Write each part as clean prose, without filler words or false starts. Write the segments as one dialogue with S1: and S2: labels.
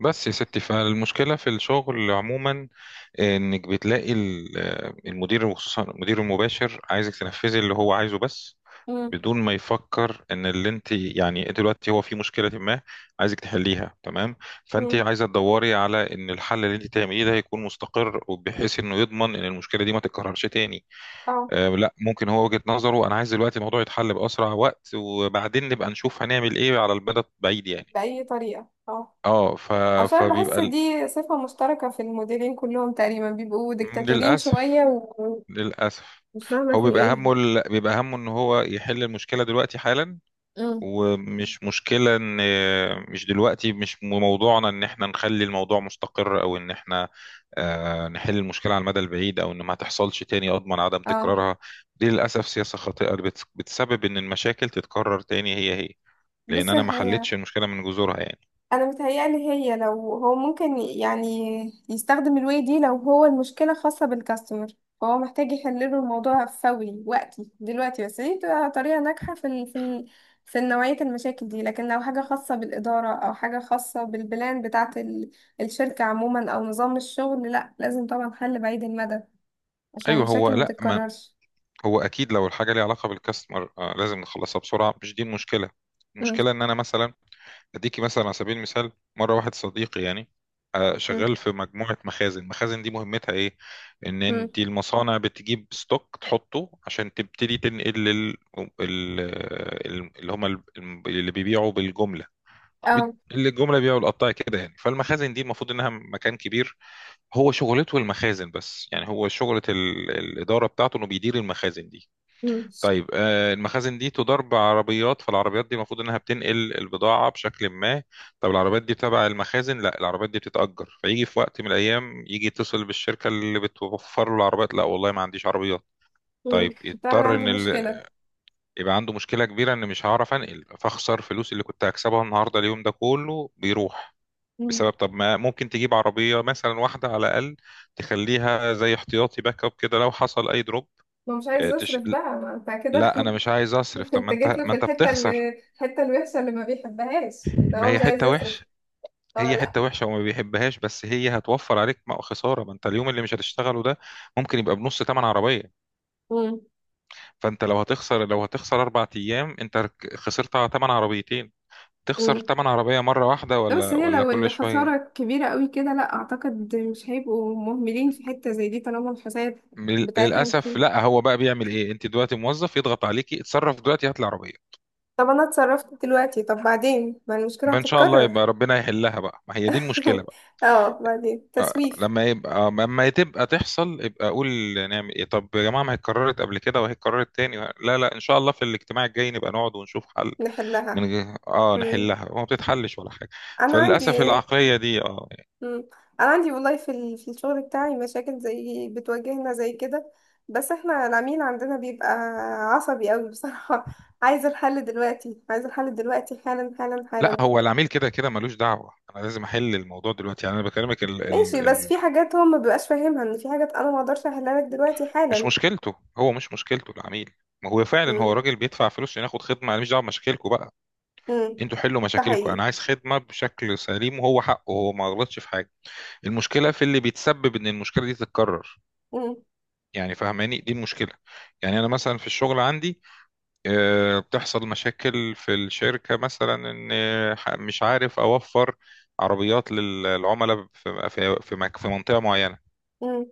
S1: بس يا ستي، فالمشكلة في الشغل عموما انك بتلاقي المدير، وخصوصا المدير المباشر عايزك تنفذي اللي هو عايزه بس،
S2: مم.
S1: بدون ما يفكر ان اللي انت يعني انت دلوقتي هو في مشكلة ما عايزك تحليها. تمام. فانت
S2: مم.
S1: عايزة تدوري على ان الحل اللي انت تعمليه ده يكون مستقر، وبحيث انه يضمن ان المشكلة دي ما تتكررش تاني.
S2: اه.
S1: آه لا، ممكن هو وجهة نظره انا عايز دلوقتي الموضوع يتحل بأسرع وقت، وبعدين نبقى نشوف هنعمل ايه على المدى البعيد يعني.
S2: بأي طريقة، اه.
S1: اه
S2: عشان بحس
S1: فبيبقى،
S2: دي صفة مشتركة في المديرين كلهم تقريبا، بيبقوا
S1: مم،
S2: ديكتاتورين شوية
S1: للأسف.
S2: ومش
S1: للأسف
S2: فاهمة
S1: هو
S2: في
S1: بيبقى همه
S2: ايه؟
S1: ان هو يحل المشكلة دلوقتي حالا.
S2: مم.
S1: ومش مشكلة ان مش دلوقتي، مش موضوعنا ان احنا نخلي الموضوع مستقر، او ان احنا نحل المشكلة على المدى البعيد، او ان ما تحصلش تاني اضمن عدم
S2: اه،
S1: تكرارها. دي للأسف سياسة خاطئة بتسبب ان المشاكل تتكرر تاني هي، لان
S2: بص،
S1: انا ما
S2: هي
S1: حلتش المشكلة من جذورها يعني.
S2: انا متهيألي هي لو هو ممكن يعني يستخدم الواي دي. لو هو المشكله خاصه بالكاستمر، فهو محتاج يحل له الموضوع فوري وقتي دلوقتي، بس دي بتبقى طريقه ناجحه في نوعيه المشاكل دي. لكن لو حاجه خاصه بالاداره او حاجه خاصه بالبلان بتاعه الشركه عموما او نظام الشغل، لا، لازم طبعا حل بعيد المدى عشان
S1: ايوه، هو
S2: المشاكل ما
S1: لا، ما
S2: تتكررش.
S1: هو اكيد لو الحاجه ليها علاقه بالكاستمر، لازم نخلصها بسرعه، مش دي المشكله.
S2: امم.
S1: المشكله ان انا مثلا اديكي مثلا على سبيل المثال، مره واحد صديقي يعني
S2: امم.
S1: شغال في مجموعه مخازن. المخازن دي مهمتها ايه؟ ان
S2: امم.
S1: انت المصانع بتجيب ستوك تحطه عشان تبتدي تنقل لل... ال... ال- اللي هم ال- اللي بيبيعوا بالجمله، بت-
S2: اه.
S1: اللي الجمله بيبيعوا القطاع كده يعني. فالمخازن دي المفروض انها مكان كبير، هو شغلته المخازن بس. يعني هو شغله الاداره بتاعته انه بيدير المخازن دي.
S2: امم.
S1: طيب، المخازن دي تدار بعربيات، فالعربيات دي المفروض انها بتنقل البضاعة بشكل ما. طب العربيات دي تبع المخازن؟ لا، العربيات دي بتتأجر. فيجي في وقت من الأيام يجي يتصل بالشركة اللي بتوفر له العربيات، لا والله ما عنديش عربيات.
S2: امم.
S1: طيب
S2: طبعا
S1: يضطر
S2: عنده
S1: ان
S2: مشكله.
S1: يبقى عنده مشكلة كبيرة ان مش هعرف انقل، فاخسر فلوس اللي كنت هكسبها النهاردة، اليوم ده كله بيروح
S2: امم.
S1: بسبب. طب ما ممكن تجيب عربية مثلا واحدة على الأقل، تخليها زي احتياطي باك اب كده لو حصل أي دروب.
S2: ما مش عايز يصرف بقى، ما انت كده.
S1: لا انا مش عايز اصرف. طب ما
S2: انت جيت
S1: انت،
S2: له في
S1: بتخسر.
S2: الحته الوحشه اللي ما بيحبهاش، انت
S1: ما
S2: هو
S1: هي
S2: مش عايز
S1: حته
S2: يصرف.
S1: وحشه.
S2: اه،
S1: هي
S2: لا.
S1: حته وحشه وما بيحبهاش، بس هي هتوفر عليك. ما خساره ما انت اليوم اللي مش هتشتغله ده ممكن يبقى بنص ثمن عربيه.
S2: مم.
S1: فانت لو هتخسر، لو هتخسر اربع ايام انت خسرت على ثمن عربيتين. تخسر
S2: مم.
S1: ثمن عربيه مره واحده،
S2: لا، بس
S1: ولا
S2: هي لو
S1: كل شويه؟
S2: الخسارة كبيرة قوي كده، لا أعتقد مش هيبقوا مهملين في حتة زي دي طالما الحساب بتاعتهم
S1: للاسف
S2: كده.
S1: لا، هو بقى بيعمل ايه؟ انت دلوقتي موظف، يضغط عليكي اتصرف دلوقتي هات العربيه.
S2: طب انا اتصرفت دلوقتي، طب بعدين ما المشكله
S1: ما ان شاء الله
S2: هتتكرر؟
S1: يبقى ربنا يحلها بقى، ما هي دي المشكله.
S2: اه، بعدين تسويف.
S1: لما يبقى لما تبقى تحصل يبقى اقول نعمل ايه. طب يا جماعه، ما هي اتكررت قبل كده وهي اتكررت تاني. لا لا، ان شاء الله في الاجتماع الجاي نبقى نقعد ونشوف حل، من
S2: نحلها.
S1: غير اه
S2: مم.
S1: نحلها وما بتتحلش ولا حاجه.
S2: انا
S1: فللاسف
S2: عندي.
S1: العقليه دي اه.
S2: مم. انا عندي والله في الشغل بتاعي مشاكل زي بتواجهنا زي كده، بس احنا العميل عندنا بيبقى عصبي قوي بصراحة. عايز الحل دلوقتي، عايز الحل دلوقتي، حالا حالا
S1: لا،
S2: حالا.
S1: هو العميل كده كده ملوش دعوه، انا لازم احل الموضوع دلوقتي يعني. انا بكلمك
S2: ماشي، بس في حاجات هو ما بيبقاش فاهمها، ان في حاجات انا ما اقدرش احلها لك دلوقتي
S1: مش
S2: حالا.
S1: مشكلته، هو مش مشكلته العميل. ما هو فعلا هو
S2: مم.
S1: راجل بيدفع فلوس عشان ياخد خدمه، انا مش دعوه بمشاكلكم بقى.
S2: مم.
S1: انتوا حلوا
S2: ده
S1: مشاكلكم،
S2: حقيقي.
S1: انا عايز خدمه بشكل سليم، وهو حقه، هو ما غلطش في حاجه. المشكله في اللي بيتسبب ان المشكله دي تتكرر،
S2: مم.
S1: يعني فهماني؟ دي المشكله. يعني انا مثلا في الشغل عندي بتحصل مشاكل في الشركه، مثلا ان مش عارف اوفر عربيات للعملاء في منطقه معينه.
S2: مم.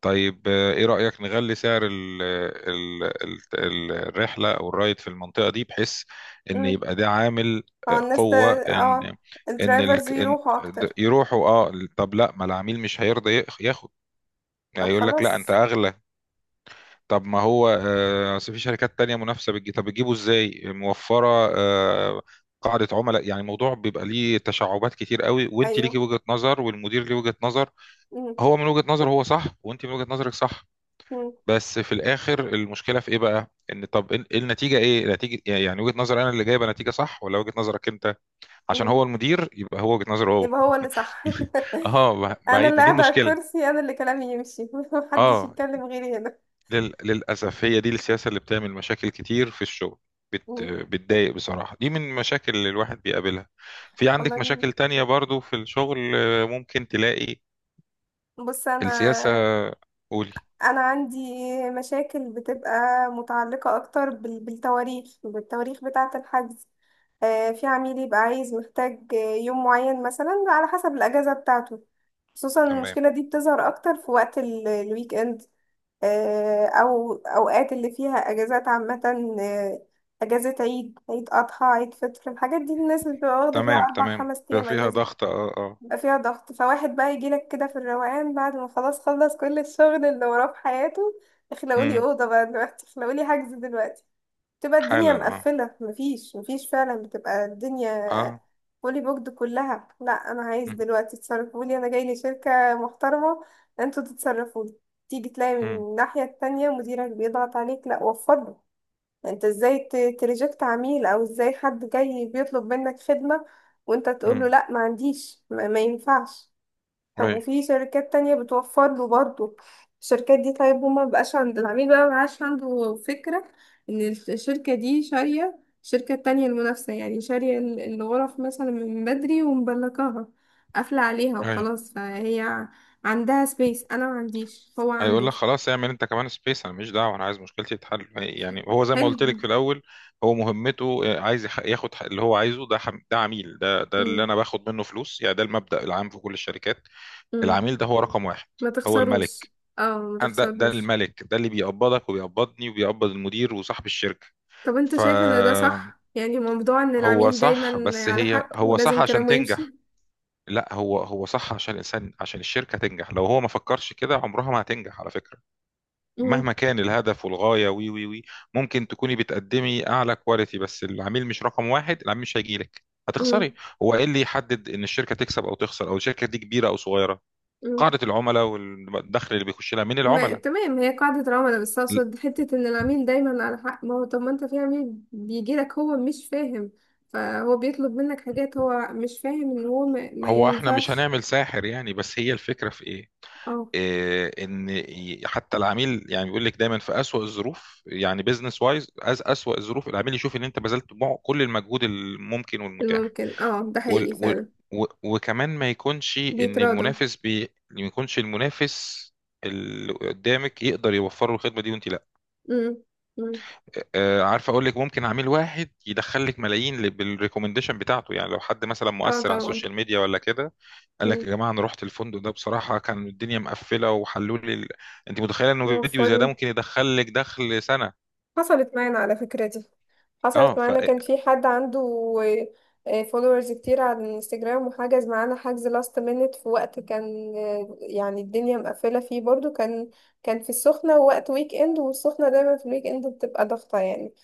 S1: طيب ايه رايك نغلي سعر الرحله او الرايد في المنطقه دي، بحيث ان
S2: مم.
S1: يبقى ده عامل
S2: اه،
S1: قوه ان ان ال-
S2: الدرايفرز
S1: إن-
S2: يروحوا اكتر.
S1: يروحوا. اه طب لا، ما العميل مش هيرضى ياخد،
S2: طب
S1: هيقول لك لا انت
S2: خلاص.
S1: اغلى. طب ما هو أصل في شركات تانية منافسة بتجي، طب بتجيبه ازاي موفرة آه، قاعدة عملاء؟ يعني الموضوع بيبقى ليه تشعبات كتير قوي، وانت ليكي
S2: ايوه.
S1: وجهة نظر والمدير ليه وجهة نظر.
S2: مم.
S1: هو من وجهة نظره هو صح، وانت من وجهة نظرك صح، بس في الاخر المشكلة في ايه بقى؟ ان طب النتيجة ايه؟ نتيجة إيه؟ يعني وجهة نظر انا اللي جايبة نتيجة صح، ولا وجهة نظرك انت؟ عشان
S2: مم.
S1: هو المدير يبقى هو وجهة نظره هو.
S2: يبقى هو اللي صح.
S1: اه،
S2: انا
S1: بعيد
S2: اللي
S1: دي
S2: قاعده على
S1: المشكلة.
S2: الكرسي، انا اللي كلامي يمشي. محدش
S1: اه،
S2: يتكلم غيري هنا.
S1: للأسف هي دي السياسة اللي بتعمل مشاكل كتير في الشغل.
S2: مم.
S1: بتضايق بصراحة. دي من المشاكل اللي الواحد بيقابلها. في عندك
S2: والله.
S1: مشاكل تانية برضو في الشغل؟ ممكن تلاقي
S2: بص
S1: السياسة.
S2: انا.
S1: قولي.
S2: انا عندي مشاكل بتبقى متعلقه اكتر بالتواريخ بتاعه الحجز. في عميل يبقى عايز محتاج يوم معين مثلا على حسب الاجازه بتاعته. خصوصا
S1: تمام.
S2: المشكله دي بتظهر اكتر في وقت الويك اند. أو أوقات اللي فيها أجازات عامة. آه، أجازة عيد، عيد أضحى، عيد فطر، الحاجات دي الناس اللي بتبقى واخدة فيها
S1: تمام
S2: أربع
S1: تمام،
S2: خمس
S1: بيبقى
S2: أيام
S1: فيها
S2: أجازة.
S1: ضغط اه اه.
S2: بيبقى فيها ضغط، فواحد بقى يجيلك كده في الروقان بعد ما خلاص خلص كل الشغل اللي وراه في حياته: اخلقولي
S1: امم.
S2: أوضة بقى دلوقتي، اخلقولي حجز دلوقتي. تبقى الدنيا
S1: حالا اه.
S2: مقفلة، مفيش مفيش فعلا، بتبقى الدنيا
S1: اه.
S2: فولي بوكد كلها. لا، انا عايز دلوقتي، تصرفولي، انا جاي لي شركة محترمة، انتوا تتصرفولي. تيجي تلاقي من
S1: امم.
S2: الناحية التانية مديرك بيضغط عليك، لا وفضله، انت ازاي تريجكت عميل، او ازاي حد جاي بيطلب منك خدمة وانت تقول له
S1: امم.
S2: لا ما عنديش، ما ينفعش. طب
S1: اي.
S2: وفي شركات تانية بتوفر له برضه. الشركات دي، طيب هو ما بقاش عند العميل بقى ما بقاش عنده فكرة ان الشركة دي شارية. الشركة التانية المنافسة يعني شارية الغرف مثلا من بدري ومبلكاها قافلة عليها وخلاص، فهي عندها سبيس، انا ما عنديش، هو
S1: هيقول
S2: عنده.
S1: لك خلاص اعمل انت كمان سبيس، انا مش دعوه، انا عايز مشكلتي تتحل. يعني هو زي ما قلت لك
S2: حلو.
S1: في الاول، هو مهمته عايز ياخد اللي هو عايزه ده ده عميل، ده اللي
S2: مم.
S1: انا باخد منه فلوس. يعني ده المبدأ العام في كل الشركات،
S2: مم.
S1: العميل ده هو رقم واحد،
S2: ما
S1: هو
S2: تخسروش.
S1: الملك.
S2: اه، ما
S1: أنا ده
S2: تخسروش.
S1: الملك، ده اللي بيقبضك وبيقبضني وبيقبض المدير وصاحب الشركه.
S2: طب انت شايف ان ده
S1: فهو
S2: صح يعني، موضوع ان العميل
S1: صح.
S2: دايما
S1: بس
S2: على
S1: هي
S2: حق
S1: هو صح
S2: ولازم
S1: عشان
S2: كلامه يمشي؟
S1: تنجح. لا، هو هو صح عشان الانسان، عشان الشركه تنجح، لو هو ما فكرش كده عمرها ما هتنجح على فكره،
S2: مم.
S1: مهما كان الهدف والغاية، وي وي وي ممكن تكوني بتقدمي أعلى كواليتي، بس العميل مش رقم واحد، العميل مش هيجيلك، هتخسري.
S2: مم.
S1: هو إيه اللي يحدد إن الشركة تكسب أو تخسر، أو الشركة دي كبيرة أو صغيرة؟
S2: مم.
S1: قاعدة العملاء والدخل اللي بيخش لها من
S2: ما
S1: العملاء.
S2: تمام، هي قاعدة العملاء، بس أقصد حتة إن العميل دايما على حق. ما هو طب ما أنت في عميل بيجيلك هو مش فاهم، فهو بيطلب منك حاجات هو مش فاهم إن هو ما
S1: هو إحنا مش
S2: ينفعش.
S1: هنعمل ساحر يعني، بس هي الفكرة في إيه؟
S2: اه،
S1: ان حتى العميل يعني بيقول لك دايما في اسوأ الظروف، يعني بيزنس وايز، أز اسوأ الظروف العميل يشوف ان انت بذلت كل المجهود الممكن والمتاح،
S2: الممكن، اه، ده
S1: وال-
S2: حقيقي
S1: و-
S2: فعلا.
S1: و- وكمان ما يكونش ان
S2: بيتراضوا.
S1: ما يكونش المنافس اللي قدامك يقدر يوفر له الخدمه دي وانت لا.
S2: مم. مم.
S1: عارف اقول لك، ممكن عميل واحد يدخل لك ملايين بالريكومنديشن بتاعته، يعني لو حد مثلا
S2: اه،
S1: مؤثر على
S2: طبعا.
S1: السوشيال ميديا ولا كده، قال لك
S2: مم.
S1: يا جماعه انا رحت الفندق ده بصراحه كان الدنيا مقفله وحلوا لي انت متخيله انه فيديو زي ده
S2: وفروا.
S1: ممكن يدخل لك دخل سنه؟
S2: حصلت معانا على فكرة دي.
S1: اه
S2: حصلت
S1: ف.
S2: معانا، كان في حد عنده فولورز كتير على الانستجرام وحجز معانا حجز لاست مينت، في وقت كان يعني الدنيا مقفلة فيه برضو. كان كان في السخنة، وقت ويك اند، والسخنة دايما في الويك اند بتبقى ضغطة يعني.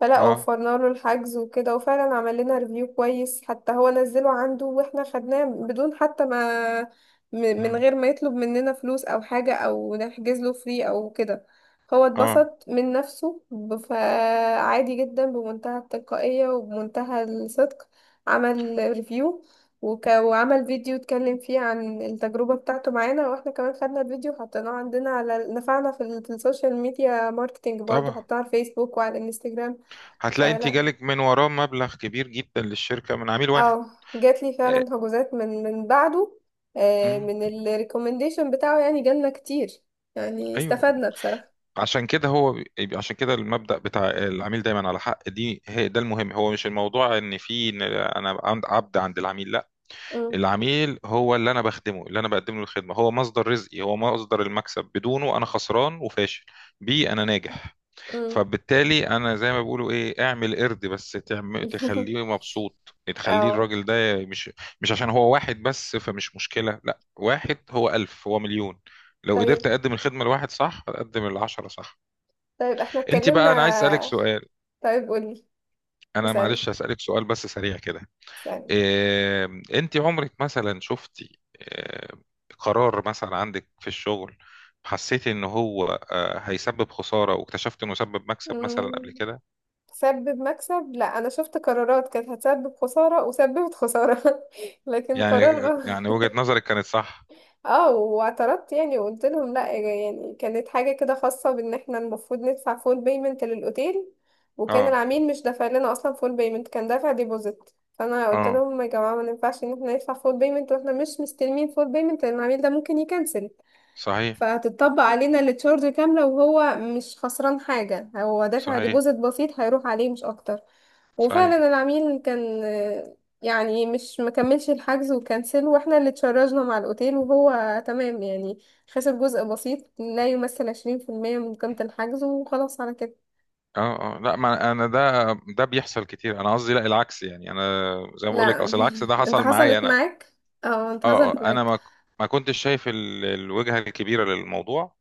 S2: فلا،
S1: اه.
S2: وفرنا له الحجز وكده، وفعلا عمل لنا ريفيو كويس حتى، هو نزله عنده واحنا خدناه بدون حتى ما م- من
S1: مم.
S2: غير ما يطلب مننا فلوس او حاجة او نحجز له فري او كده. هو
S1: اه
S2: اتبسط من نفسه، فعادي جدا، بمنتهى التلقائية وبمنتهى الصدق عمل ريفيو. وعمل فيديو اتكلم فيه عن التجربة بتاعته معانا، واحنا كمان خدنا الفيديو وحطيناه عندنا، على نفعنا في السوشيال ميديا ماركتينج برضه،
S1: طبعا.
S2: حطيناه على الفيسبوك وعلى الانستجرام.
S1: هتلاقي انت
S2: فلا.
S1: جالك من وراه مبلغ كبير جدا للشركه من عميل واحد.
S2: اه، جات لي فعلا هجوزات من بعده.
S1: مم.
S2: من الريكومنديشن بتاعه يعني، جالنا كتير. يعني
S1: ايوه.
S2: استفدنا بصراحة.
S1: عشان كده هو عشان كده المبدأ بتاع العميل دايما على حق، دي هي، ده المهم. هو مش الموضوع ان في إن انا عند- عبد عند العميل، لا،
S2: امم.
S1: العميل هو اللي انا بخدمه، اللي انا بقدم له الخدمه، هو مصدر رزقي، هو مصدر المكسب، بدونه انا خسران وفاشل، بيه انا ناجح.
S2: امم.
S1: فبالتالي انا زي ما بيقولوا ايه، اعمل قرد بس تخليه مبسوط، تخليه
S2: اه.
S1: الراجل ده، مش مش عشان هو واحد بس فمش مشكلة، لا واحد هو ألف هو مليون. لو
S2: طيب.
S1: قدرت اقدم الخدمة لواحد صح، اقدم العشرة صح.
S2: طيب احنا
S1: انت
S2: اتكلمنا.
S1: بقى، انا عايز اسألك سؤال.
S2: طيب قولي.
S1: انا
S2: اسألني.
S1: معلش هسألك سؤال بس سريع كده.
S2: اسألني.
S1: إيه، انت عمرك مثلا شفتي إيه قرار مثلا عندك في الشغل، حسيتي ان هو هيسبب خسارة، واكتشفت انه سبب مكسب مثلا
S2: مم،
S1: قبل كده؟
S2: تسبب مكسب، لا، انا شفت قرارات كانت هتسبب خسارة وسببت خسارة. لكن
S1: يعني
S2: قرار غلط.
S1: وجهة نظرك كانت صح.
S2: اه، واعترضت يعني، وقلت لهم لا، يعني كانت حاجة كده خاصة بان احنا المفروض ندفع فول بيمنت للاوتيل، وكان
S1: اه
S2: العميل مش دافع لنا اصلا فول بيمنت، كان دافع ديبوزيت. فانا قلت
S1: اه،
S2: لهم يا جماعة ما ينفعش ان احنا ندفع فول بيمنت واحنا مش مستلمين فول بيمنت، لان العميل ده ممكن يكنسل،
S1: صحيح.
S2: فهتطبق علينا التشارج كاملة وهو مش خسران حاجة، هو دافع
S1: صحيح.
S2: ديبوزيت بسيط هيروح عليه مش أكتر.
S1: صحيح.
S2: وفعلا العميل كان، يعني مش مكملش الحجز وكنسل، واحنا اللي تشرجنا مع الأوتيل، وهو تمام يعني، خسر جزء بسيط لا يمثل 20% من قيمة الحجز، وخلاص على كده.
S1: اه اه، لا ما انا، ده بيحصل كتير، انا قصدي لا العكس. يعني انا زي ما بقول لك،
S2: لا.
S1: اصل العكس ده
S2: انت
S1: حصل معايا
S2: حصلت
S1: انا.
S2: معاك. اه، انت
S1: اه
S2: حصلت
S1: اه، انا
S2: معاك.
S1: ما كنتش شايف الوجهة الكبيرة للموضوع.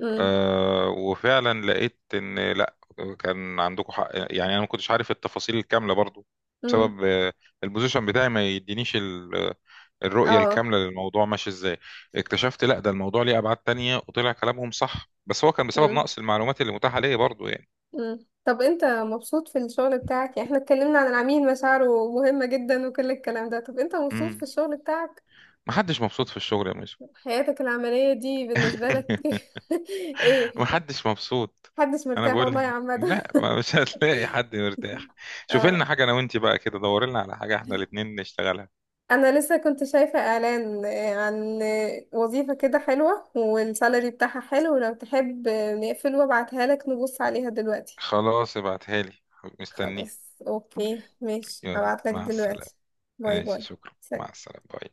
S2: امم.
S1: آه، وفعلا لقيت ان لا، كان عندكم حق يعني. انا ما كنتش عارف التفاصيل الكامله برضو،
S2: امم.
S1: بسبب البوزيشن بتاعي ما يدينيش الرؤيه
S2: اه.
S1: الكامله للموضوع ماشي ازاي. اكتشفت لا، ده الموضوع ليه ابعاد تانية وطلع كلامهم صح، بس هو كان بسبب نقص المعلومات اللي متاحه ليا برضو يعني.
S2: مم. طب انت مبسوط في الشغل بتاعك؟ يعني احنا اتكلمنا عن العميل، مشاعره مهمة جدا وكل الكلام ده، طب انت مبسوط في
S1: امم.
S2: الشغل بتاعك؟
S1: محدش مبسوط في الشغل يا ميسو.
S2: حياتك العملية دي بالنسبة لك؟ ايه؟
S1: محدش مبسوط.
S2: محدش
S1: انا
S2: مرتاح
S1: بقول
S2: والله يا
S1: لك
S2: عمدا.
S1: لا، ما مش هتلاقي حد مرتاح. شوف لنا
S2: اه.
S1: حاجه انا وانت بقى كده، دور لنا على حاجه احنا الاتنين نشتغلها.
S2: انا لسه كنت شايفة اعلان، عن وظيفة كده حلوة والسالري بتاعها حلو. لو تحب، نقفل وابعتها لك، نبص عليها دلوقتي.
S1: خلاص ابعتها لي،
S2: خلاص،
S1: مستنيها.
S2: اوكي، ماشي،
S1: يلا
S2: هبعت لك
S1: مع السلامة.
S2: دلوقتي. باي
S1: ماشي
S2: باي.
S1: شكرا، مع
S2: سلام.
S1: السلامة، باي.